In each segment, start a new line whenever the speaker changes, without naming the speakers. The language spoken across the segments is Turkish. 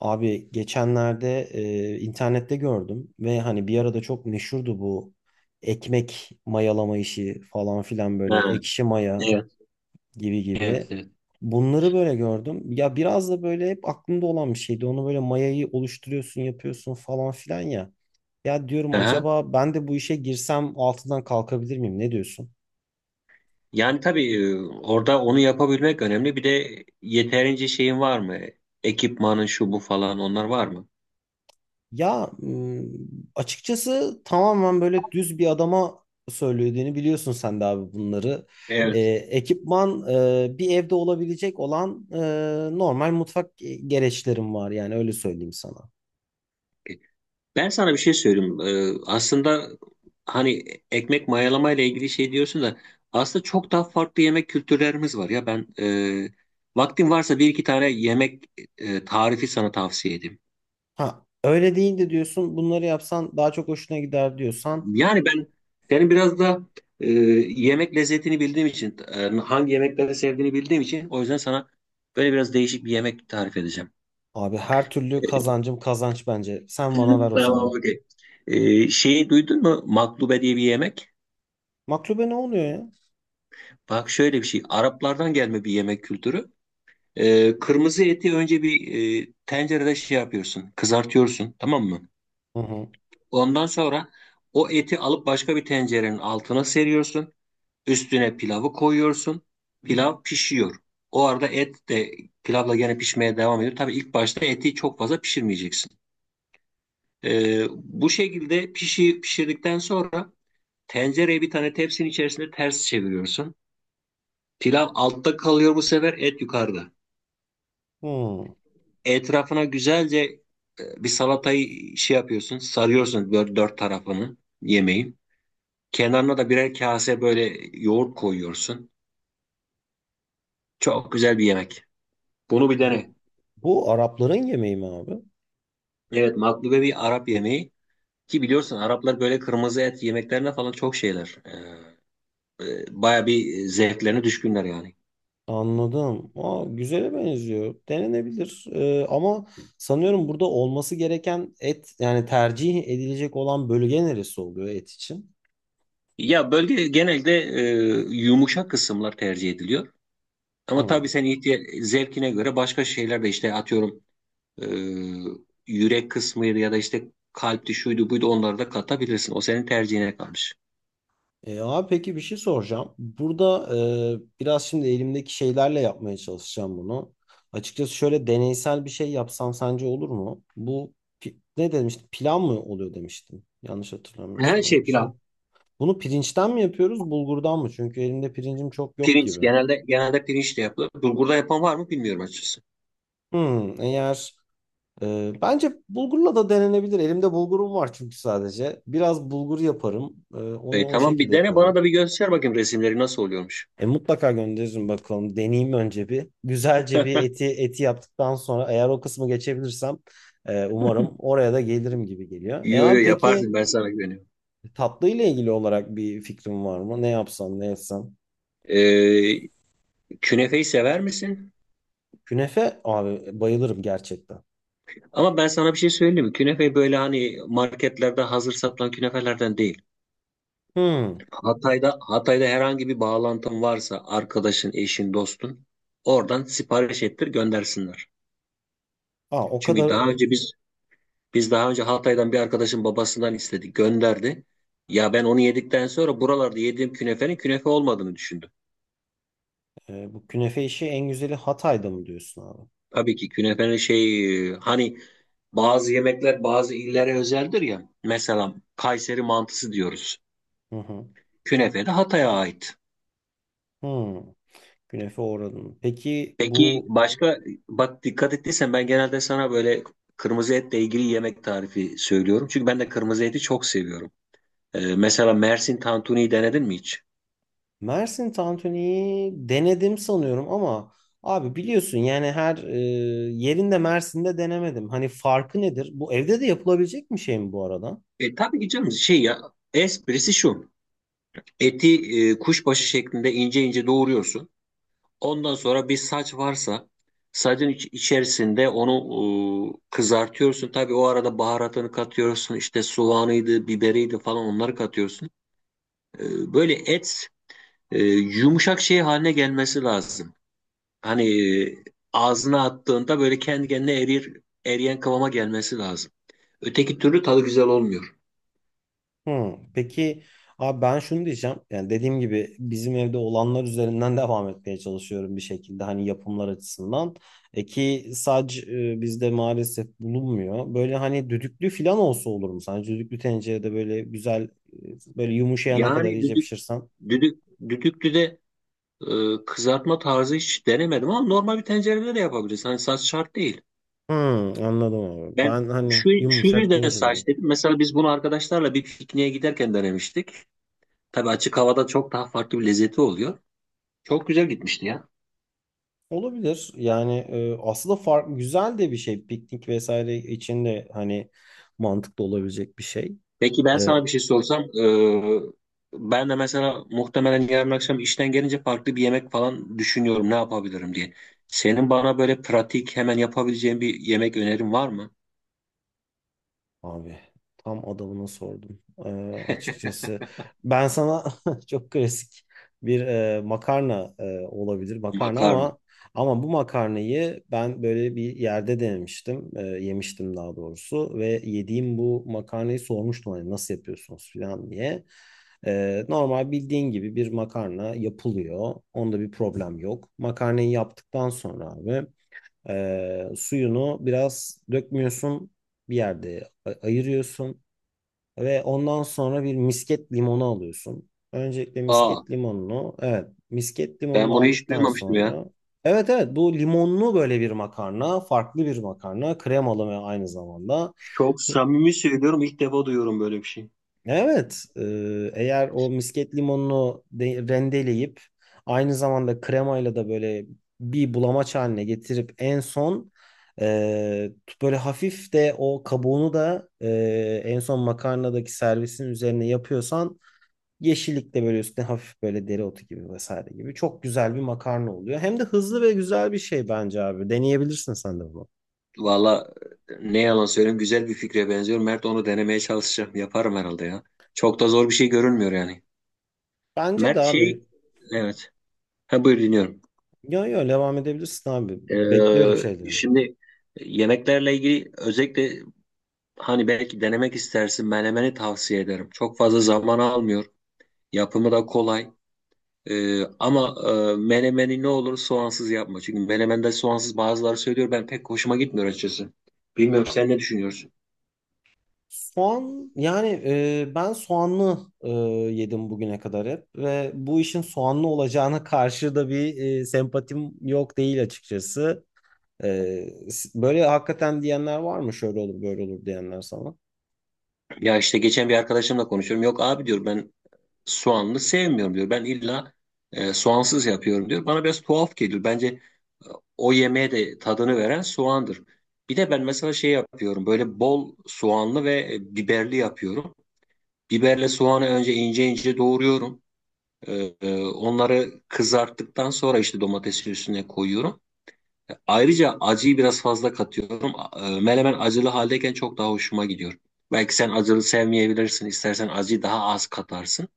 Abi geçenlerde internette gördüm ve hani bir arada çok meşhurdu bu ekmek mayalama işi falan filan böyle
Ha,
ekşi maya
evet,
gibi
evet,
gibi.
evet.
Bunları böyle gördüm. Ya biraz da böyle hep aklımda olan bir şeydi. Onu böyle mayayı oluşturuyorsun, yapıyorsun falan filan ya. Ya diyorum
Aha.
acaba ben de bu işe girsem altından kalkabilir miyim? Ne diyorsun?
Yani tabii orada onu yapabilmek önemli. Bir de yeterince şeyin var mı? Ekipmanın şu bu falan onlar var mı?
Ya m, açıkçası tamamen böyle düz bir adama söylediğini biliyorsun sen de abi bunları. Ee,
Evet.
ekipman, bir evde olabilecek olan, normal mutfak gereçlerim var yani öyle söyleyeyim sana.
Ben sana bir şey söyleyeyim. Aslında hani ekmek mayalama ile ilgili şey diyorsun da aslında çok daha farklı yemek kültürlerimiz var ya ben, vaktin varsa bir iki tane yemek tarifi sana tavsiye edeyim.
Ha öyle değil de diyorsun bunları yapsan daha çok hoşuna gider diyorsan
Yani ben yani biraz da e, yemek lezzetini bildiğim için, hangi yemekleri sevdiğini bildiğim için o yüzden sana böyle biraz değişik bir yemek tarif edeceğim.
abi her türlü kazancım kazanç bence. Sen bana ver o
Tamam,
zaman.
okey. Şeyi duydun mu? Maklube diye bir yemek.
Maklube ne oluyor ya?
Bak şöyle bir şey. Araplardan gelme bir yemek kültürü. Kırmızı eti önce bir, tencerede şey yapıyorsun, kızartıyorsun, tamam mı?
Hı hı.
Ondan sonra o eti alıp başka bir tencerenin altına seriyorsun. Üstüne pilavı koyuyorsun. Pilav pişiyor. O arada et de pilavla gene pişmeye devam ediyor. Tabii ilk başta eti çok fazla pişirmeyeceksin. Bu şekilde pişirdikten sonra tencereye bir tane tepsinin içerisinde ters çeviriyorsun. Pilav altta kalıyor, bu sefer et yukarıda.
Hı.
Etrafına güzelce bir salatayı şey yapıyorsun. Sarıyorsun böyle dört tarafını yemeğin. Kenarına da birer kase böyle yoğurt koyuyorsun. Çok güzel bir yemek. Bunu bir
Bu
dene.
bu Arapların yemeği mi abi?
Evet, maklube bir Arap yemeği, ki biliyorsun Araplar böyle kırmızı et yemeklerine falan çok şeyler. Baya bir zevklerine düşkünler yani.
Anladım. Aa, güzele benziyor. Denenebilir. Ama sanıyorum burada olması gereken et yani tercih edilecek olan bölge neresi oluyor et için?
Ya bölge genelde yumuşak kısımlar tercih ediliyor. Ama tabii
Hı.
senin zevkine göre başka şeyler de işte atıyorum e, yürek kısmıydı ya da işte kalpti şuydu buydu onları da katabilirsin. O senin tercihine kalmış.
E abi peki bir şey soracağım. Burada biraz şimdi elimdeki şeylerle yapmaya çalışacağım bunu. Açıkçası şöyle deneysel bir şey yapsam sence olur mu? Bu ne demiştim? Pilav mı oluyor demiştim. Yanlış
Her
hatırlamıyorsam öyle
şey
bir şey.
pilav.
Bunu pirinçten mi yapıyoruz, bulgurdan mı? Çünkü elimde pirincim çok yok
Pirinç
gibi.
genelde pirinç de yapılır. Bulgurda yapan var mı bilmiyorum açıkçası.
Hmm, eğer bence bulgurla da denenebilir. Elimde bulgurum var çünkü sadece. Biraz bulgur yaparım. Onu o
Tamam,
şekilde
bir dene bana
yaparım.
da bir göster bakayım resimleri nasıl oluyormuş.
E, mutlaka gönderirim bakalım. Deneyeyim önce bir. Güzelce bir eti eti yaptıktan sonra eğer o kısmı geçebilirsem umarım oraya da gelirim gibi geliyor. E
Yo yo,
abi peki
yaparsın, ben sana güveniyorum.
tatlı ile ilgili olarak bir fikrin var mı? Ne yapsam ne etsem?
E, Künefeyi sever misin?
Künefe abi bayılırım gerçekten.
Ama ben sana bir şey söyleyeyim mi? Künefe böyle hani marketlerde hazır satılan künefelerden değil.
Hmm.
Hatay'da herhangi bir bağlantın varsa arkadaşın, eşin, dostun oradan sipariş ettir, göndersinler.
Aa, o
Çünkü
kadar.
daha önce biz daha önce Hatay'dan bir arkadaşın babasından istedik, gönderdi. Ya ben onu yedikten sonra buralarda yediğim künefenin künefe olmadığını düşündüm.
Bu künefe işi en güzeli Hatay'da mı diyorsun abi?
Tabii ki künefenin şey, hani bazı yemekler bazı illere özeldir ya. Mesela Kayseri mantısı diyoruz.
Hı hı.
Künefe de Hatay'a ait.
Hmm. Günefe uğradım. Peki
Peki
bu
başka, bak dikkat ettiysen ben genelde sana böyle kırmızı etle ilgili yemek tarifi söylüyorum. Çünkü ben de kırmızı eti çok seviyorum. Mesela Mersin tantuniyi denedin mi hiç?
Mersin tantuniyi denedim sanıyorum ama abi biliyorsun yani her, yerinde Mersin'de denemedim. Hani farkı nedir? Bu evde de yapılabilecek bir şey mi bu arada?
Tabii ki canım, şey ya, esprisi şu. Eti kuşbaşı şeklinde ince ince doğruyorsun. Ondan sonra bir saç varsa sacın içerisinde onu kızartıyorsun. Tabii o arada baharatını katıyorsun. İşte soğanıydı, biberiydi falan onları katıyorsun. Böyle et yumuşak şey haline gelmesi lazım. Hani e, ağzına attığında böyle kendi kendine eriyen kıvama gelmesi lazım. Öteki türlü tadı güzel olmuyor.
Hmm, peki abi ben şunu diyeceğim. Yani dediğim gibi bizim evde olanlar üzerinden devam etmeye çalışıyorum bir şekilde hani yapımlar açısından. E ki sac, bizde maalesef bulunmuyor. Böyle hani düdüklü falan olsa olur mu? Sence düdüklü tencerede böyle güzel, böyle yumuşayana kadar
Yani
iyice pişirsen.
düdük, düdüklü de kızartma tarzı hiç denemedim ama normal bir tencerede de yapabilirsin. Hani saç şart değil.
Hmm, anladım abi.
Ben
Ben hani
şu
yumuşak
yüzden
deyince
saç
dedim.
dedim. Mesela biz bunu arkadaşlarla bir pikniğe giderken denemiştik. Tabii açık havada çok daha farklı bir lezzeti oluyor. Çok güzel gitmişti ya.
Olabilir. Yani aslında fark güzel de bir şey. Piknik vesaire için de hani mantıklı olabilecek bir şey.
Peki ben
E,
sana bir şey sorsam, ben de mesela muhtemelen yarın akşam işten gelince farklı bir yemek falan düşünüyorum ne yapabilirim diye. Senin bana böyle pratik hemen yapabileceğin bir yemek önerin var mı?
abi tam adamına sordum. Açıkçası ben sana çok klasik bir, makarna, olabilir makarna
Makarna.
ama ama bu makarnayı ben böyle bir yerde denemiştim. E, yemiştim daha doğrusu ve yediğim bu makarnayı sormuştum hani nasıl yapıyorsunuz falan diye. E, normal bildiğin gibi bir makarna yapılıyor. Onda bir problem yok. Makarnayı yaptıktan sonra abi suyunu biraz dökmüyorsun. Bir yerde ayırıyorsun. Ve ondan sonra bir misket limonu alıyorsun. Öncelikle
Aa,
misket limonunu. Evet. Misket
ben
limonunu
bunu hiç
aldıktan
duymamıştım ya.
sonra. Evet evet bu limonlu böyle bir makarna. Farklı bir makarna. Kremalı ve aynı zamanda.
Çok samimi söylüyorum, ilk defa duyuyorum böyle bir şey.
Evet, e, eğer o misket limonunu rendeleyip aynı zamanda kremayla da böyle bir bulamaç haline getirip en son, e, böyle hafif de o kabuğunu da en son makarnadaki servisin üzerine yapıyorsan yeşillik de böyle üstüne hafif böyle dereotu gibi vesaire gibi çok güzel bir makarna oluyor. Hem de hızlı ve güzel bir şey bence abi. Deneyebilirsin sen de bunu.
Valla, ne yalan söyleyeyim, güzel bir fikre benziyor. Mert, onu denemeye çalışacağım. Yaparım herhalde ya. Çok da zor bir şey görünmüyor yani.
Bence de
Mert şey,
abi.
evet. Ha, buyur dinliyorum.
Yo yo devam edebilirsin abi. Bekliyorum şeylerini.
Şimdi yemeklerle ilgili özellikle hani belki denemek istersin, menemeni tavsiye ederim. Çok fazla zaman almıyor. Yapımı da kolay. Ama menemeni ne olur soğansız yapma. Çünkü menemende soğansız, bazıları söylüyor, ben pek hoşuma gitmiyor açıkçası. Bilmiyorum, sen ne düşünüyorsun?
Soğan yani ben soğanlı yedim bugüne kadar hep ve bu işin soğanlı olacağına karşı da bir, sempatim yok değil açıkçası. Böyle hakikaten diyenler var mı? Şöyle olur böyle olur diyenler sana.
Ya işte geçen bir arkadaşımla konuşuyorum. Yok abi diyor, ben soğanlı sevmiyorum diyor. Ben illa soğansız yapıyorum diyor. Bana biraz tuhaf geliyor. Bence o yemeğe de tadını veren soğandır. Bir de ben mesela şey yapıyorum. Böyle bol soğanlı ve biberli yapıyorum. Biberle soğanı önce ince ince doğruyorum. E, Onları kızarttıktan sonra işte domatesin üstüne koyuyorum. Ayrıca acıyı biraz fazla katıyorum. Menemen acılı haldeyken çok daha hoşuma gidiyor. Belki sen acılı sevmeyebilirsin. İstersen acıyı daha az katarsın.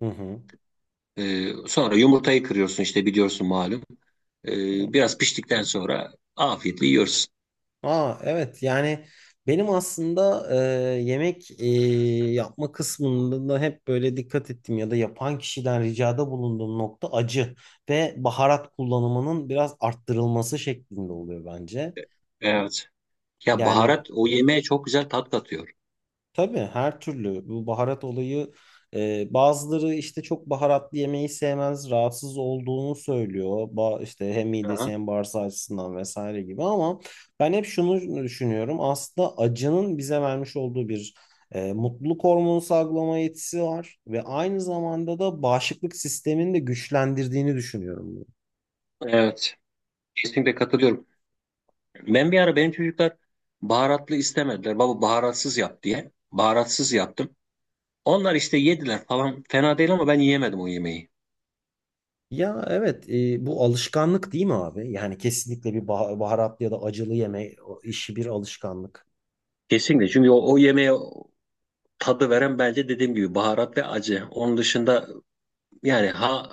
Hı hı.
Sonra yumurtayı kırıyorsun işte, biliyorsun malum. E, Biraz piştikten sonra afiyetle yiyorsun.
Aa evet yani benim aslında, yemek yapma kısmında da hep böyle dikkat ettim ya da yapan kişiden ricada bulunduğum nokta acı ve baharat kullanımının biraz arttırılması şeklinde oluyor bence.
Evet. Ya
Yani
baharat o yemeğe çok güzel tat katıyor.
tabii her türlü bu baharat olayı, bazıları işte çok baharatlı yemeği sevmez, rahatsız olduğunu söylüyor. Ba işte hem midesi
Aha.
hem bağırsağı açısından vesaire gibi ama ben hep şunu düşünüyorum. Aslında acının bize vermiş olduğu bir, mutluluk hormonu salgılama yetisi var ve aynı zamanda da bağışıklık sistemini de güçlendirdiğini düşünüyorum bunu.
Evet. Kesinlikle katılıyorum. Ben bir ara, benim çocuklar baharatlı istemediler. Baba baharatsız yap diye. Baharatsız yaptım. Onlar işte yediler falan. Fena değil ama ben yiyemedim o yemeği.
Ya evet, bu alışkanlık değil mi abi? Yani kesinlikle bir baharatlı ya da acılı yeme işi bir alışkanlık.
Kesinlikle, çünkü o yemeğe tadı veren bence dediğim gibi baharat ve acı. Onun dışında yani ha,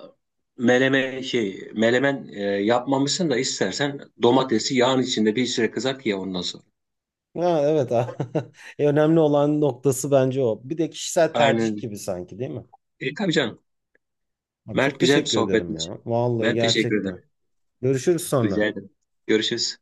melemen yapmamışsın da istersen domatesi yağın içinde bir süre kızart ye ondan sonra.
Ha, evet. E, önemli olan noktası bence o. Bir de kişisel
Aynen.
tercih
Öyle.
gibi sanki değil mi?
Tabii canım.
Abi çok
Mert, güzel bir
teşekkür ederim
sohbetmiş.
ya. Vallahi
Ben teşekkür
gerçekten.
ederim.
Görüşürüz
Rica
sonra.
ederim. Görüşürüz.